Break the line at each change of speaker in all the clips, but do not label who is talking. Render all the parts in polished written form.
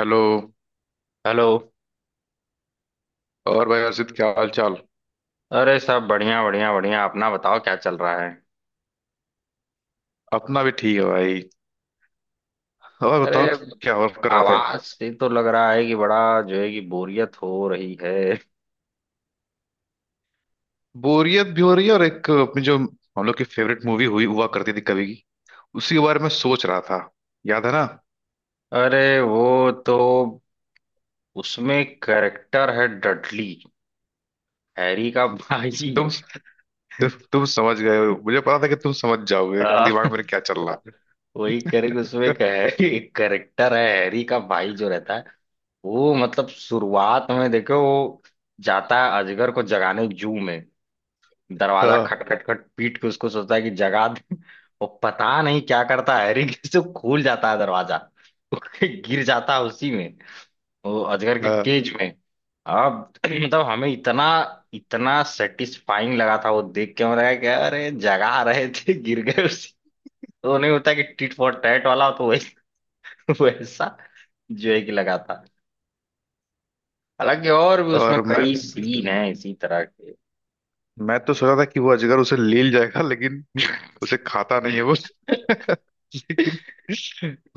Hello.
Hello.
और भाई अर्षित, क्या हाल चाल?
अरे सब बढ़िया बढ़िया बढ़िया, अपना बताओ क्या चल रहा है?
अपना भी ठीक है भाई। और
अरे
बताओ, क्या और कर रहे थे?
आवाज से तो लग रहा है कि बड़ा जो है कि बोरियत हो रही है।
बोरियत भी हो रही है, और एक अपनी जो हम लोग की फेवरेट मूवी हुई हुआ करती थी कभी की, उसी के बारे में सोच रहा था। याद है ना?
अरे वो तो, उसमें कैरेक्टर है डडली, हैरी का भाई।
तुम। तु, तुम समझ गए हो, मुझे पता था कि तुम समझ जाओगे
हाँ
कि दिमाग मेरे क्या चल रहा
वही करेक्ट, उसमें
है।
कैरेक्टर है हैरी का भाई जो रहता है। वो मतलब शुरुआत में देखो, वो जाता है अजगर को जगाने जू में, दरवाजा
हाँ।
खट खट खट पीट के उसको, सोचता है कि जगा दे। वो पता नहीं क्या करता है हैरी, कैसे खुल जाता है दरवाजा। वो गिर जाता है उसी में, वो अजगर के
हाँ।
केज में। अब मतलब हमें इतना इतना सेटिस्फाइंग लगा था वो देख के, हमें लगा कि अरे जगा रहे थे, गिर गए उसी, तो नहीं होता कि टिट फॉर टैट वाला, तो वैसा वैसा जो है कि लगा था। हालांकि और भी उसमें
और मैं
कई सीन हैं इसी तरह के।
मैं तो सोचा था कि वो अजगर उसे ले जाएगा, लेकिन उसे खाता नहीं है वो। लेकिन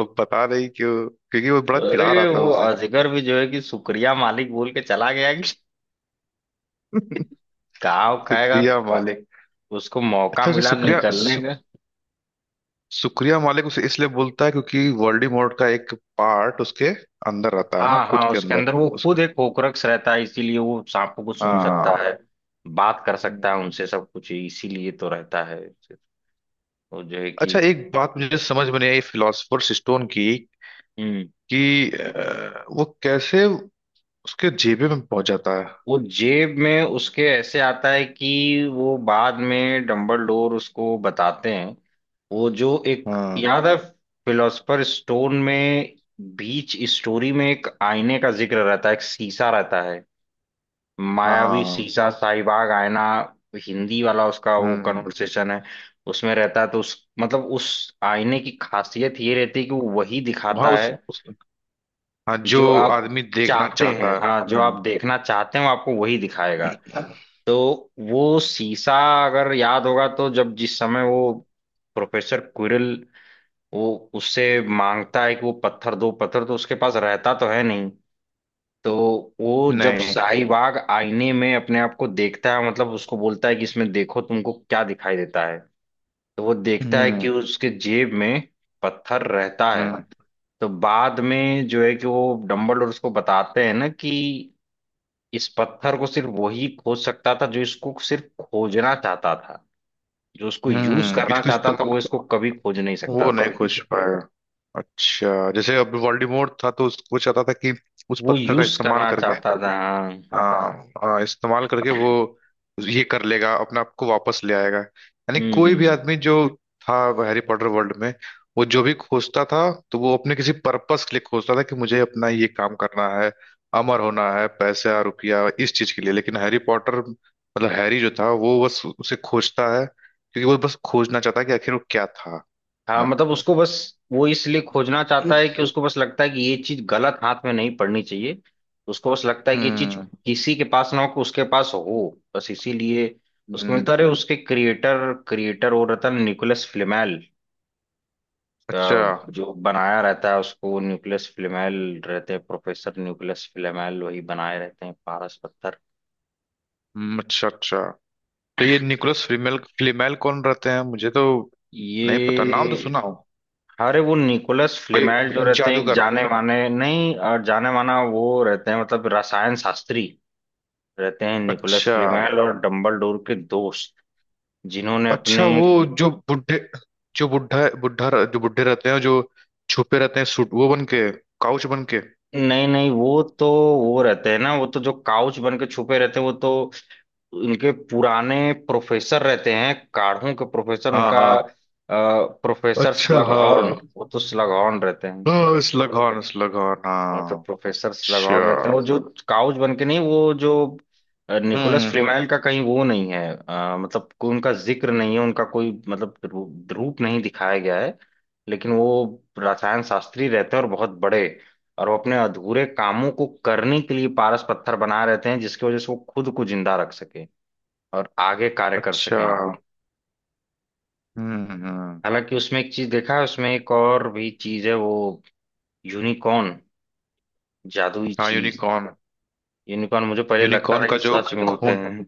वो पता नहीं क्यों, क्योंकि वो बड़ा चिढ़ा रहा
अरे
था
वो
उसे।
अजगर भी जो है कि शुक्रिया मालिक बोल के चला गया, गाँव खाएगा।
सुक्रिया मालिक।
उसको मौका
अच्छा, उसे
मिला निकलने का।
सुक्रिया मालिक उसे इसलिए बोलता है क्योंकि वोल्डेमॉर्ट का एक पार्ट उसके अंदर रहता है ना,
हाँ
खुद
हाँ,
के
उसके
अंदर
अंदर वो
उसके।
खुद एक होकरक्ष रहता है, इसीलिए वो सांपों को
हाँ।
सुन सकता है,
हाँ।
बात कर सकता है
हम्म।
उनसे सब कुछ, इसीलिए तो रहता है वो जो है कि।
अच्छा, एक बात मुझे समझ में नहीं आई फिलोसफर्स स्टोन की,
हम्म।
कि वो कैसे उसके जेबे में पहुंच जाता है।
वो जेब में उसके ऐसे आता है कि वो बाद में डंबलडोर उसको बताते हैं, वो जो एक
हाँ।
याद है फिलोसफर स्टोन में, बीच स्टोरी में एक आईने का जिक्र रहता है, एक शीशा रहता है, मायावी
हाँ।
शीशा शाहीबाग आईना, हिंदी वाला उसका वो
हम्म।
कन्वर्सेशन है। उसमें रहता है, तो उस आईने की खासियत ये रहती है कि वो वही
वहाँ
दिखाता है
उस हाँ, जो
जो आप
आदमी देखना
चाहते हैं,
चाहता है।
हाँ जो
हम्म।
आप देखना चाहते हैं वो आपको वही दिखाएगा। तो वो शीशा, अगर याद होगा तो जब जिस समय वो प्रोफेसर क्विरल, वो उससे मांगता है कि वो पत्थर दो, पत्थर तो उसके पास रहता तो है नहीं, तो वो जब
नहीं।
शाहीबाग आईने में अपने आप को देखता है, मतलब उसको बोलता है कि इसमें देखो तुमको क्या दिखाई देता है, तो वो देखता है
हम्म।
कि उसके जेब में पत्थर रहता है।
हम्म।
तो बाद में जो है कि वो डम्बलडोर उसको बताते हैं ना कि इस पत्थर को सिर्फ वही खोज सकता था जो इसको सिर्फ खोजना चाहता था, जो उसको यूज
हम्म,
करना
इसको
चाहता था वो
इस्तेमाल
इसको कभी खोज नहीं सकता
वो नहीं
था।
खोज पाया। अच्छा, जैसे अब वोल्डेमॉर्ट था, तो उसको चाहता था कि उस
वो
पत्थर का
यूज
इस्तेमाल
करना
करके।
चाहता था, हाँ।
हाँ हाँ, इस्तेमाल करके वो ये कर लेगा, अपने आप को वापस ले आएगा। यानी
हम्म
कोई भी
हम्म।
आदमी जो था हैरी पॉटर वर्ल्ड में, वो जो भी खोजता था तो वो अपने किसी पर्पस के लिए खोजता था, कि मुझे अपना ये काम करना है, अमर होना है, पैसा रुपया इस चीज के लिए। लेकिन हैरी पॉटर, मतलब हैरी जो था, वो बस उसे खोजता है, क्योंकि वो बस खोजना चाहता है कि आखिर वो क्या था
हाँ
ना।
मतलब उसको बस, वो इसलिए खोजना चाहता है कि उसको बस लगता है कि ये चीज गलत हाथ में नहीं पड़नी चाहिए, उसको बस लगता है कि ये चीज
हम्म।
किसी के पास ना हो कि उसके पास हो, बस इसीलिए उसको
हम्म,
मिलता रहे। उसके क्रिएटर क्रिएटर वो रहता है निकोलस फ्लेमेल। अ,
अच्छा।
जो बनाया रहता है उसको निकोलस फ्लेमेल, रहते हैं प्रोफेसर निकोलस फ्लेमेल, वही बनाए रहते हैं पारस पत्थर
अच्छा अच्छा। तो ये निकोलस फ्लीमेल फ्लीमेल कौन रहते हैं, मुझे तो नहीं पता, नाम तो
ये।
सुना हो।
अरे वो निकोलस फ्लेमेल जो
कोई
रहते हैं एक
जादूगर?
जाने माने, नहीं जाने माना, वो रहते हैं मतलब रसायन शास्त्री, रहते हैं निकोलस
अच्छा।
फ्लीमेल और डम्बलडोर के दोस्त, जिन्होंने
अच्छा,
अपने,
वो जो बुढ़े। जो बुढ़ा बुढ़ा जो बुढ़े रहते हैं, जो छुपे रहते हैं, सूट वो बन के, काउच बन के।
नहीं नहीं, वो तो वो रहते हैं ना, वो तो जो काउच बन के छुपे रहते हैं वो तो इनके पुराने प्रोफेसर रहते हैं, काढ़ों के प्रोफेसर,
हाँ
उनका
हाँ।
प्रोफेसर
अच्छा।
स्लगहॉर्न,
हाँ।
वो तो स्लगहॉर्न रहते हैं।
हाँ स्लगॉन स्लगॉन,
और तो
हाँ।
प्रोफेसर्स लगान रहते हैं वो
अच्छा।
जो काउच बन के, नहीं वो जो निकोलस
हम्म।
फ्रीमेल का कहीं वो नहीं है, मतलब कोई उनका जिक्र नहीं है, उनका कोई मतलब रूप नहीं दिखाया गया है। लेकिन वो रसायन शास्त्री रहते हैं और बहुत बड़े, और वो अपने अधूरे कामों को करने के लिए पारस पत्थर बना रहते हैं जिसकी वजह से वो खुद को जिंदा रख सके और आगे कार्य कर
अच्छा।
सकें।
हम्म। हम्म।
हालांकि उसमें एक चीज देखा है, उसमें एक और भी चीज है वो, यूनिकॉर्न, जादुई
हाँ
चीज।
यूनिकॉर्न।
यूनिकॉर्न मुझे पहले लगता
यूनिकॉर्न
था
का
कि
जो
सच में होते
खून।
हैं।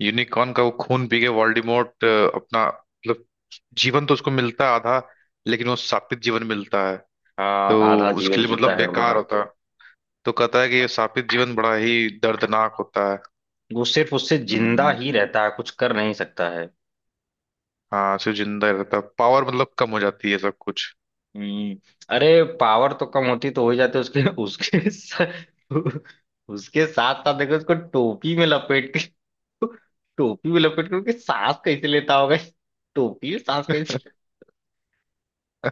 यूनिकॉर्न का वो खून पी के वोल्डेमॉर्ट अपना, मतलब जीवन तो उसको मिलता है आधा, लेकिन वो शापित जीवन मिलता है।
हाँ
तो
आधा
उसके
जीवन
लिए
जीता
मतलब
है वो
बेकार होता है, तो कहता है कि ये शापित जीवन बड़ा ही दर्दनाक होता है।
वो सिर्फ उससे जिंदा
हम्म।
ही रहता है, कुछ कर नहीं सकता है।
हाँ सिर्फ जिंदा ही रहता है, पावर मतलब कम हो जाती है सब कुछ।
हम्म। अरे पावर तो कम होती तो हो ही जाते, उसके उसके उसके साथ साथ देखो उसको टोपी में लपेट के, टोपी में लपेट के उसके सांस कैसे लेता होगा, टोपी में सांस कैसे,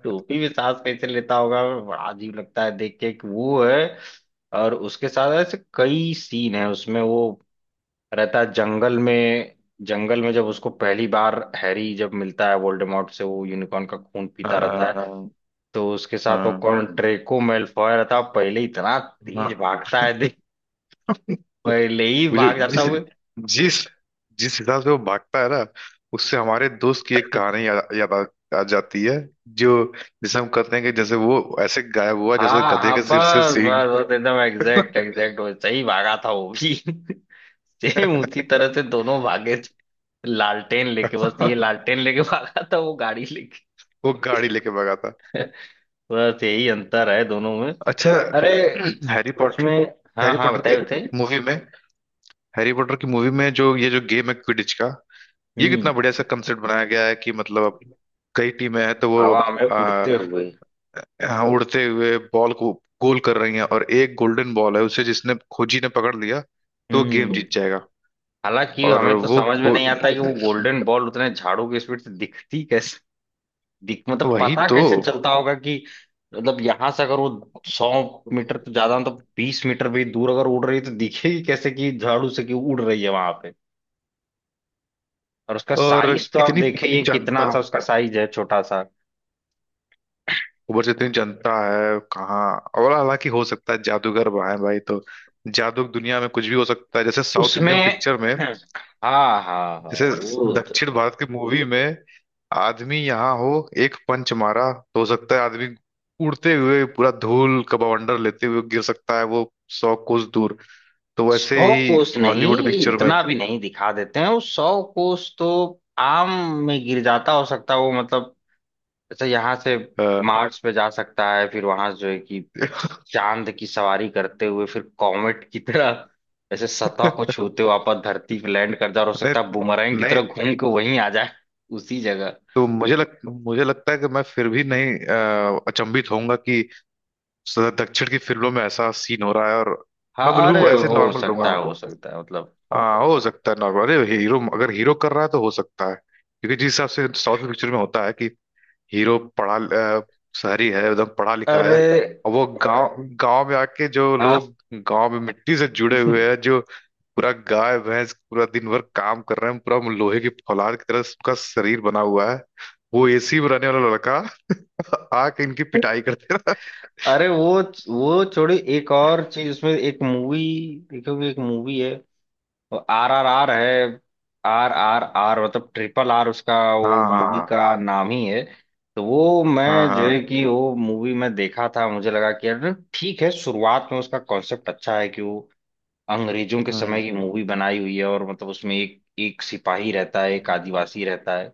टोपी में सांस कैसे लेता होगा, बड़ा अजीब लगता है देख के कि वो है। और उसके साथ ऐसे कई सीन है उसमें वो, रहता है जंगल में, जंगल में जब उसको पहली बार हैरी जब मिलता है वोल्डेमॉर्ट से, वो यूनिकॉर्न का खून पीता रहता है।
हाँ।
तो उसके साथ वो
हाँ
कौन ड्रेको मैलफॉय रहता है, पहले इतना तेज
हाँ।
भागता है देख, पहले ही
वो जो
भाग जाता
जिस
हुआ।
जिस जिस हिसाब से वो भागता है ना, उससे हमारे दोस्त की एक कहानी याद याद आ जाती है। जो जिसे हम कहते हैं कि जैसे वो ऐसे गायब हुआ जैसे
हाँ
गधे
हाँ,
के सिर से
बस
सींग।
बस बस एकदम एग्जैक्ट एग्जैक्ट वैसे ही भागा था वो भी। सेम उसी तरह से दोनों भागे थे, लालटेन लेके बस, ये लालटेन लेके भागा था वो गाड़ी लेके।
वो गाड़ी लेके भागा था।
बस यही अंतर है दोनों में।
अच्छा।
अरे
हैरी पॉटर
उसमें, हाँ
हैरी
हाँ
पॉटर के
बताइए बताइए।
मूवी में हैरी पॉटर की मूवी में जो, ये जो गेम है क्विडिच का, ये कितना
हम्म।
बढ़िया सा कंसेप्ट बनाया गया है। कि मतलब अब कई टीमें हैं तो वो,
हवा में उड़ते हुए।
हाँ, उड़ते हुए बॉल को गोल कर रही हैं, और एक गोल्डन बॉल है, उसे जिसने खोजी ने पकड़ लिया तो वो गेम
हम्म।
जीत जाएगा।
हालांकि
और
हमें तो
वो
समझ में
खो
नहीं आता कि वो गोल्डन बॉल उतने झाड़ू की स्पीड से दिखती कैसे, दिख मतलब
वही
पता
तो।
कैसे चलता होगा कि, मतलब यहां से अगर वो 100 मीटर तो ज्यादा तो, 20 मीटर भी दूर अगर उड़ रही है तो दिखेगी कैसे कि झाड़ू से कि उड़ रही है वहां पे, और उसका
और
साइज तो आप
इतनी
देखिए कितना
जनता,
सा उसका साइज है, छोटा सा।
ऊपर से इतनी जनता है कहाँ? और हालांकि हो सकता है, जादूगर वहाँ है भाई, तो जादू की दुनिया में कुछ भी हो सकता है, जैसे साउथ
उसमें
इंडियन पिक्चर में।
हाँ हाँ हाँ
जैसे
वो तो,
दक्षिण भारत की मूवी में आदमी यहाँ हो, एक पंच मारा तो हो सकता है आदमी उड़ते हुए, पूरा धूल का बवंडर लेते हुए, गिर सकता है वो सौ कोस दूर। तो वैसे
सौ
ही
कोस
हॉलीवुड
नहीं,
पिक्चर में।
इतना भी नहीं दिखा देते हैं, वो सौ कोस तो आम में गिर जाता, हो सकता है वो मतलब, जैसे यहाँ से
अ,
मार्स पे जा सकता है, फिर वहां जो है कि चांद की सवारी करते हुए फिर कॉमेट की तरह ऐसे सतह को छूते हुए वापस धरती पे लैंड कर जाए, और हो
नहीं।
सकता है बूमरैंग की
नहीं।
तरह घूम के वहीं आ जाए, उसी जगह।
तो मुझे लगता है कि मैं फिर भी नहीं, अचंभित होऊंगा कि दक्षिण की फिल्मों में ऐसा सीन हो रहा है, और मैं
हाँ अरे
बिल्कुल ऐसे
हो
नॉर्मल
सकता
रहूंगा।
है, हो सकता है मतलब।
हाँ, हो सकता है नॉर्मल, अरे हीरो, अगर हीरो कर रहा है तो हो सकता है, क्योंकि जिस हिसाब से साउथ पिक्चर में होता है कि हीरो पढ़ा, अ, शहरी है, एकदम पढ़ा लिखा है,
अरे
और वो गांव गांव में आके, जो
हाँ,
लोग गांव में मिट्टी से जुड़े हुए हैं, जो पूरा गाय भैंस पूरा दिन भर काम कर रहे हैं, पूरा लोहे की फौलाद की तरह उसका शरीर बना हुआ है, वो एसी में रहने वाला लड़का आके इनकी पिटाई करते रहा।
अरे वो छोड़ी, एक और चीज उसमें, एक मूवी देखोगे, एक मूवी है RRR है, RRR मतलब RRR, उसका
हाँ।
वो मूवी
हाँ।
का नाम ही है। तो वो
हाँ।
मैं जो है
हाँ।
कि वो मूवी में देखा था, मुझे लगा कि यार ठीक है, शुरुआत में उसका कॉन्सेप्ट अच्छा है कि वो अंग्रेजों के समय की
हम्म।
मूवी बनाई हुई है, और मतलब उसमें एक एक सिपाही रहता है, एक
हम्म।
आदिवासी रहता है।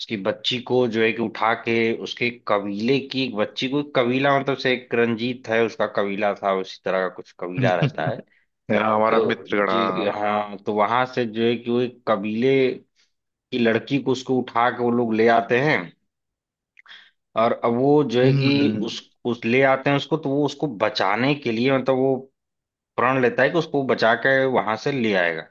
उसकी बच्ची को जो है कि उठा के, उसके कबीले की एक बच्ची को, कबीला मतलब से एक रंजीत है उसका कबीला था उसी तरह का कुछ कबीला रहता है,
यहाँ हमारा
तो
मित्रगण,
जी
हाँ।
हाँ, तो वहां से जो है कि वो एक कबीले की लड़की को उसको उठा के वो लोग ले आते हैं। और अब वो जो है
हम्म।
कि
हम्म।
उस ले आते हैं उसको, तो वो उसको बचाने के लिए मतलब वो प्रण लेता है कि उसको बचा के वहां से ले आएगा,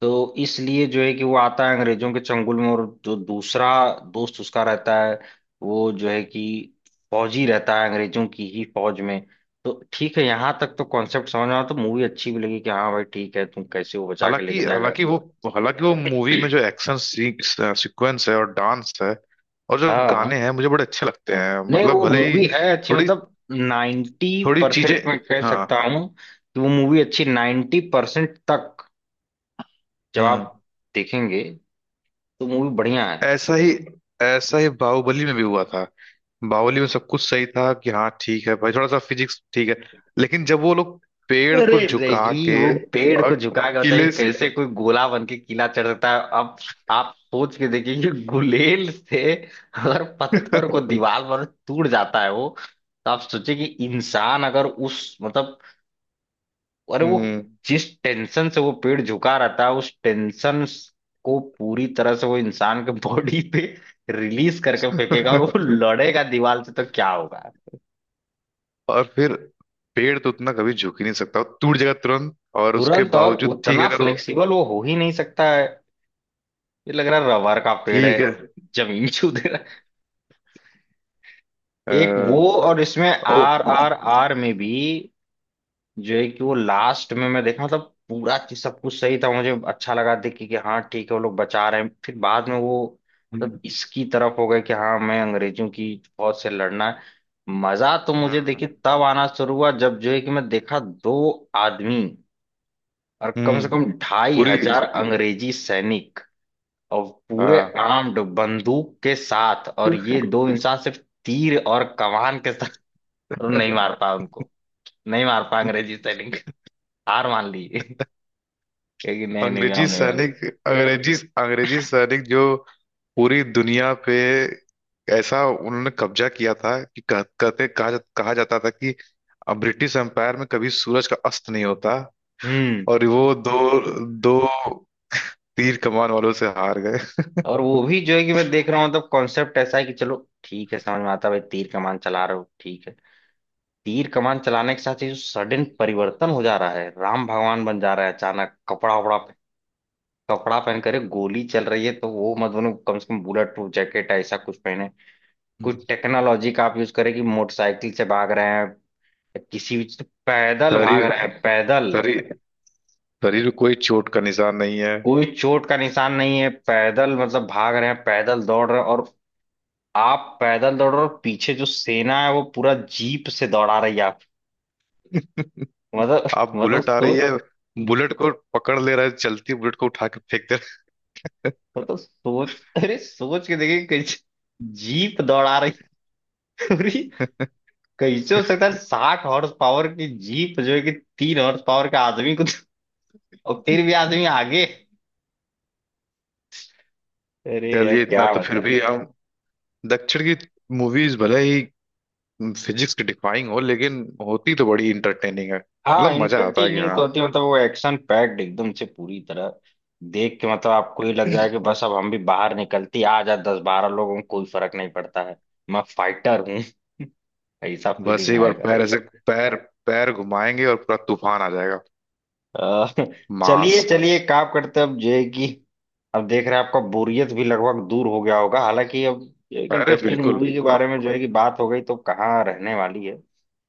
तो इसलिए जो है कि वो आता है अंग्रेजों के चंगुल में, और जो दूसरा दोस्त उसका रहता है, वो जो है कि फौजी रहता है अंग्रेजों की ही फौज में। तो ठीक है, यहाँ तक तो कॉन्सेप्ट समझ में आया, तो मूवी अच्छी भी लगी कि हाँ भाई ठीक है, तुम कैसे वो बचा के
हालांकि
लेके जाएगा।
हालांकि वो मूवी में जो एक्शन सीक्वेंस है, और डांस है, और जो
हाँ
गाने
हाँ।
हैं, मुझे बड़े अच्छे लगते हैं,
नहीं
मतलब
वो
भले ही
मूवी है अच्छी,
थोड़ी
मतलब नाइन्टी
थोड़ी चीजें।
परसेंट मैं कह
हाँ।
सकता हूँ कि वो मूवी अच्छी 90% तक, जब
हम्म।
आप देखेंगे तो मूवी बढ़िया है।
ऐसा ही ऐसा ही बाहुबली में भी हुआ था। बाहुबली में सब कुछ सही था कि हाँ ठीक है भाई, थोड़ा सा फिजिक्स ठीक है, लेकिन जब वो लोग पेड़
अरे
को झुका
रही
के,
वो पेड़
और
को झुका के, बताइए
किले से।
कैसे कोई गोला बन के किला चढ़ सकता है अब, आप सोच के देखिए कि गुलेल से अगर पत्थर को दीवार पर टूट जाता है वो, तो आप सोचिए कि इंसान अगर उस मतलब, और वो
हम्म।
जिस टेंशन से वो पेड़ झुका रहता है उस टेंशन को पूरी तरह से वो इंसान के बॉडी पे रिलीज करके फेंकेगा, और वो लड़ेगा दीवार से तो क्या होगा,
और फिर पेड़ तो उतना कभी झुक ही नहीं सकता, वो टूट जाएगा तुरंत, और उसके
तुरंत। और
बावजूद ठीक
उतना
है अगर वो।
फ्लेक्सिबल वो हो ही नहीं सकता है, ये लग रहा है रबर का पेड़ है,
ठीक है।
जमीन छू दे रहा
अ,
है। एक वो, और इसमें
ओ।
RRR में भी जो है कि वो लास्ट में मैं देखा, मतलब पूरा चीज सब कुछ सही था, मुझे अच्छा लगा देख के कि हाँ ठीक है, वो लोग बचा रहे हैं फिर बाद में वो मतलब इसकी तरफ हो गए कि हाँ मैं अंग्रेजों की फौज से लड़ना है। मजा तो मुझे
हाँ।
देखिए तब आना शुरू हुआ जब जो है कि मैं देखा दो आदमी और कम से
हम्म।
कम ढाई
पूरी।
हजार अंग्रेजी सैनिक, और पूरे
हाँ।
आर्म्ड बंदूक के साथ, और ये दो इंसान सिर्फ तीर और कमान के साथ, नहीं मार पाया उनको, नहीं मार पाया अंग्रेजी सैनिक, हार मान ली है कि नहीं निविया
अंग्रेजी
होने वाला।
सैनिक, अंग्रेजी अंग्रेजी सैनिक, जो पूरी दुनिया पे ऐसा उन्होंने कब्जा किया था कि कह, कहते कहा, जा, कहा जाता था कि अब ब्रिटिश एम्पायर में कभी सूरज का अस्त नहीं होता,
हम्म।
और वो दो दो तीर कमान वालों से हार
और वो भी जो है कि मैं देख रहा हूँ मतलब कॉन्सेप्ट ऐसा है कि, चलो ठीक है समझ में आता है भाई, तीर कमान चला रहे हो ठीक है, तीर कमान चलाने के साथ ही जो सडन परिवर्तन हो जा रहा है, राम भगवान बन जा रहा है अचानक, कपड़ा वपड़ा कपड़ा पहन कर गोली चल रही है तो वो मत बनो, कम से कम बुलेट प्रूफ जैकेट ऐसा कुछ पहने, कुछ
गए।
टेक्नोलॉजी का आप यूज करें, कि मोटरसाइकिल से भाग रहे हैं या किसी भी से, पैदल भाग रहे
शरीर
हैं पैदल,
शरीर शरीर में कोई चोट का निशान नहीं है,
कोई चोट का निशान नहीं है, पैदल मतलब भाग रहे हैं पैदल दौड़ रहे हैं, और आप पैदल दौड़ रहे हो और पीछे जो सेना है वो पूरा जीप से दौड़ा रही है आप, मतलब,
आप
मतलब
बुलेट आ रही है,
सो
बुलेट को पकड़ ले रहे, चलती बुलेट को उठा के फेंक दे
सोच अरे सोच के देखिए, कैसे जीप दौड़ा रही है। अरे
रहे।
कैसे हो सकता है 60 हॉर्स पावर की जीप जो है कि 3 हॉर्स पावर का आदमी को, और फिर भी आदमी आगे, अरे यार
चलिए, इतना
क्या
तो फिर
बताए।
भी हम, दक्षिण की मूवीज भले ही फिजिक्स की डिफाइंग हो, लेकिन होती तो बड़ी इंटरटेनिंग है,
हाँ
मतलब मजा आता है कि
इंटरटेनिंग तो
हाँ,
होती है, मतलब वो एक्शन पैक्ड एकदम से पूरी तरह, देख के मतलब आपको ये लग जाए कि बस अब हम भी बाहर निकलती आ जा, 10-12 लोगों को कोई फर्क नहीं पड़ता है, मैं फाइटर हूँ। ऐसा
बस
फीलिंग
एक बार
आएगा।
पैर ऐसे, पैर पैर घुमाएंगे और पूरा तूफान आ जाएगा।
अ, चलिए
मास।
चलिए एक काम करते हैं, अब जो है कि अब देख रहे हैं आपका बोरियत भी लगभग दूर हो गया होगा, हालांकि अब ये एक
अरे
इंटरेस्टिंग
बिल्कुल।
मूवी के बारे में जो है कि बात हो गई, तो कहाँ रहने वाली है।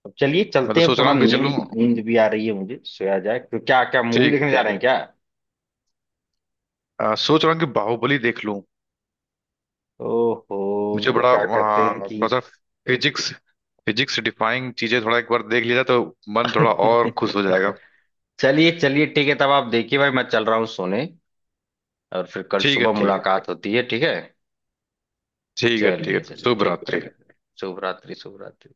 अब चलिए
मैं
चलते
तो
हैं,
सोच रहा
थोड़ा
हूँ कि चलूं।
नींद नींद भी आ रही है मुझे, सोया जाए, तो क्या क्या मूवी देखने
ठीक।
जा रहे हैं क्या?
सोच रहा हूँ कि बाहुबली देख लूं।
ओहो
मुझे बड़ा
क्या कहते हैं
हाँ,
कि।
थोड़ा सा फिजिक्स फिजिक्स से डिफाइंग चीजें थोड़ा एक बार देख लिया जाए तो मन थोड़ा और खुश हो जाएगा।
चलिए चलिए ठीक है, तब आप देखिए भाई, मैं चल रहा हूँ सोने, और फिर कल
ठीक है।
सुबह
ठीक।
मुलाकात होती है, ठीक है।
ठीक है। ठीक
चलिए
है।
चलिए
शुभ
ठीक है,
रात्रि।
ठीक है शुभ रात्रि, शुभ रात्रि।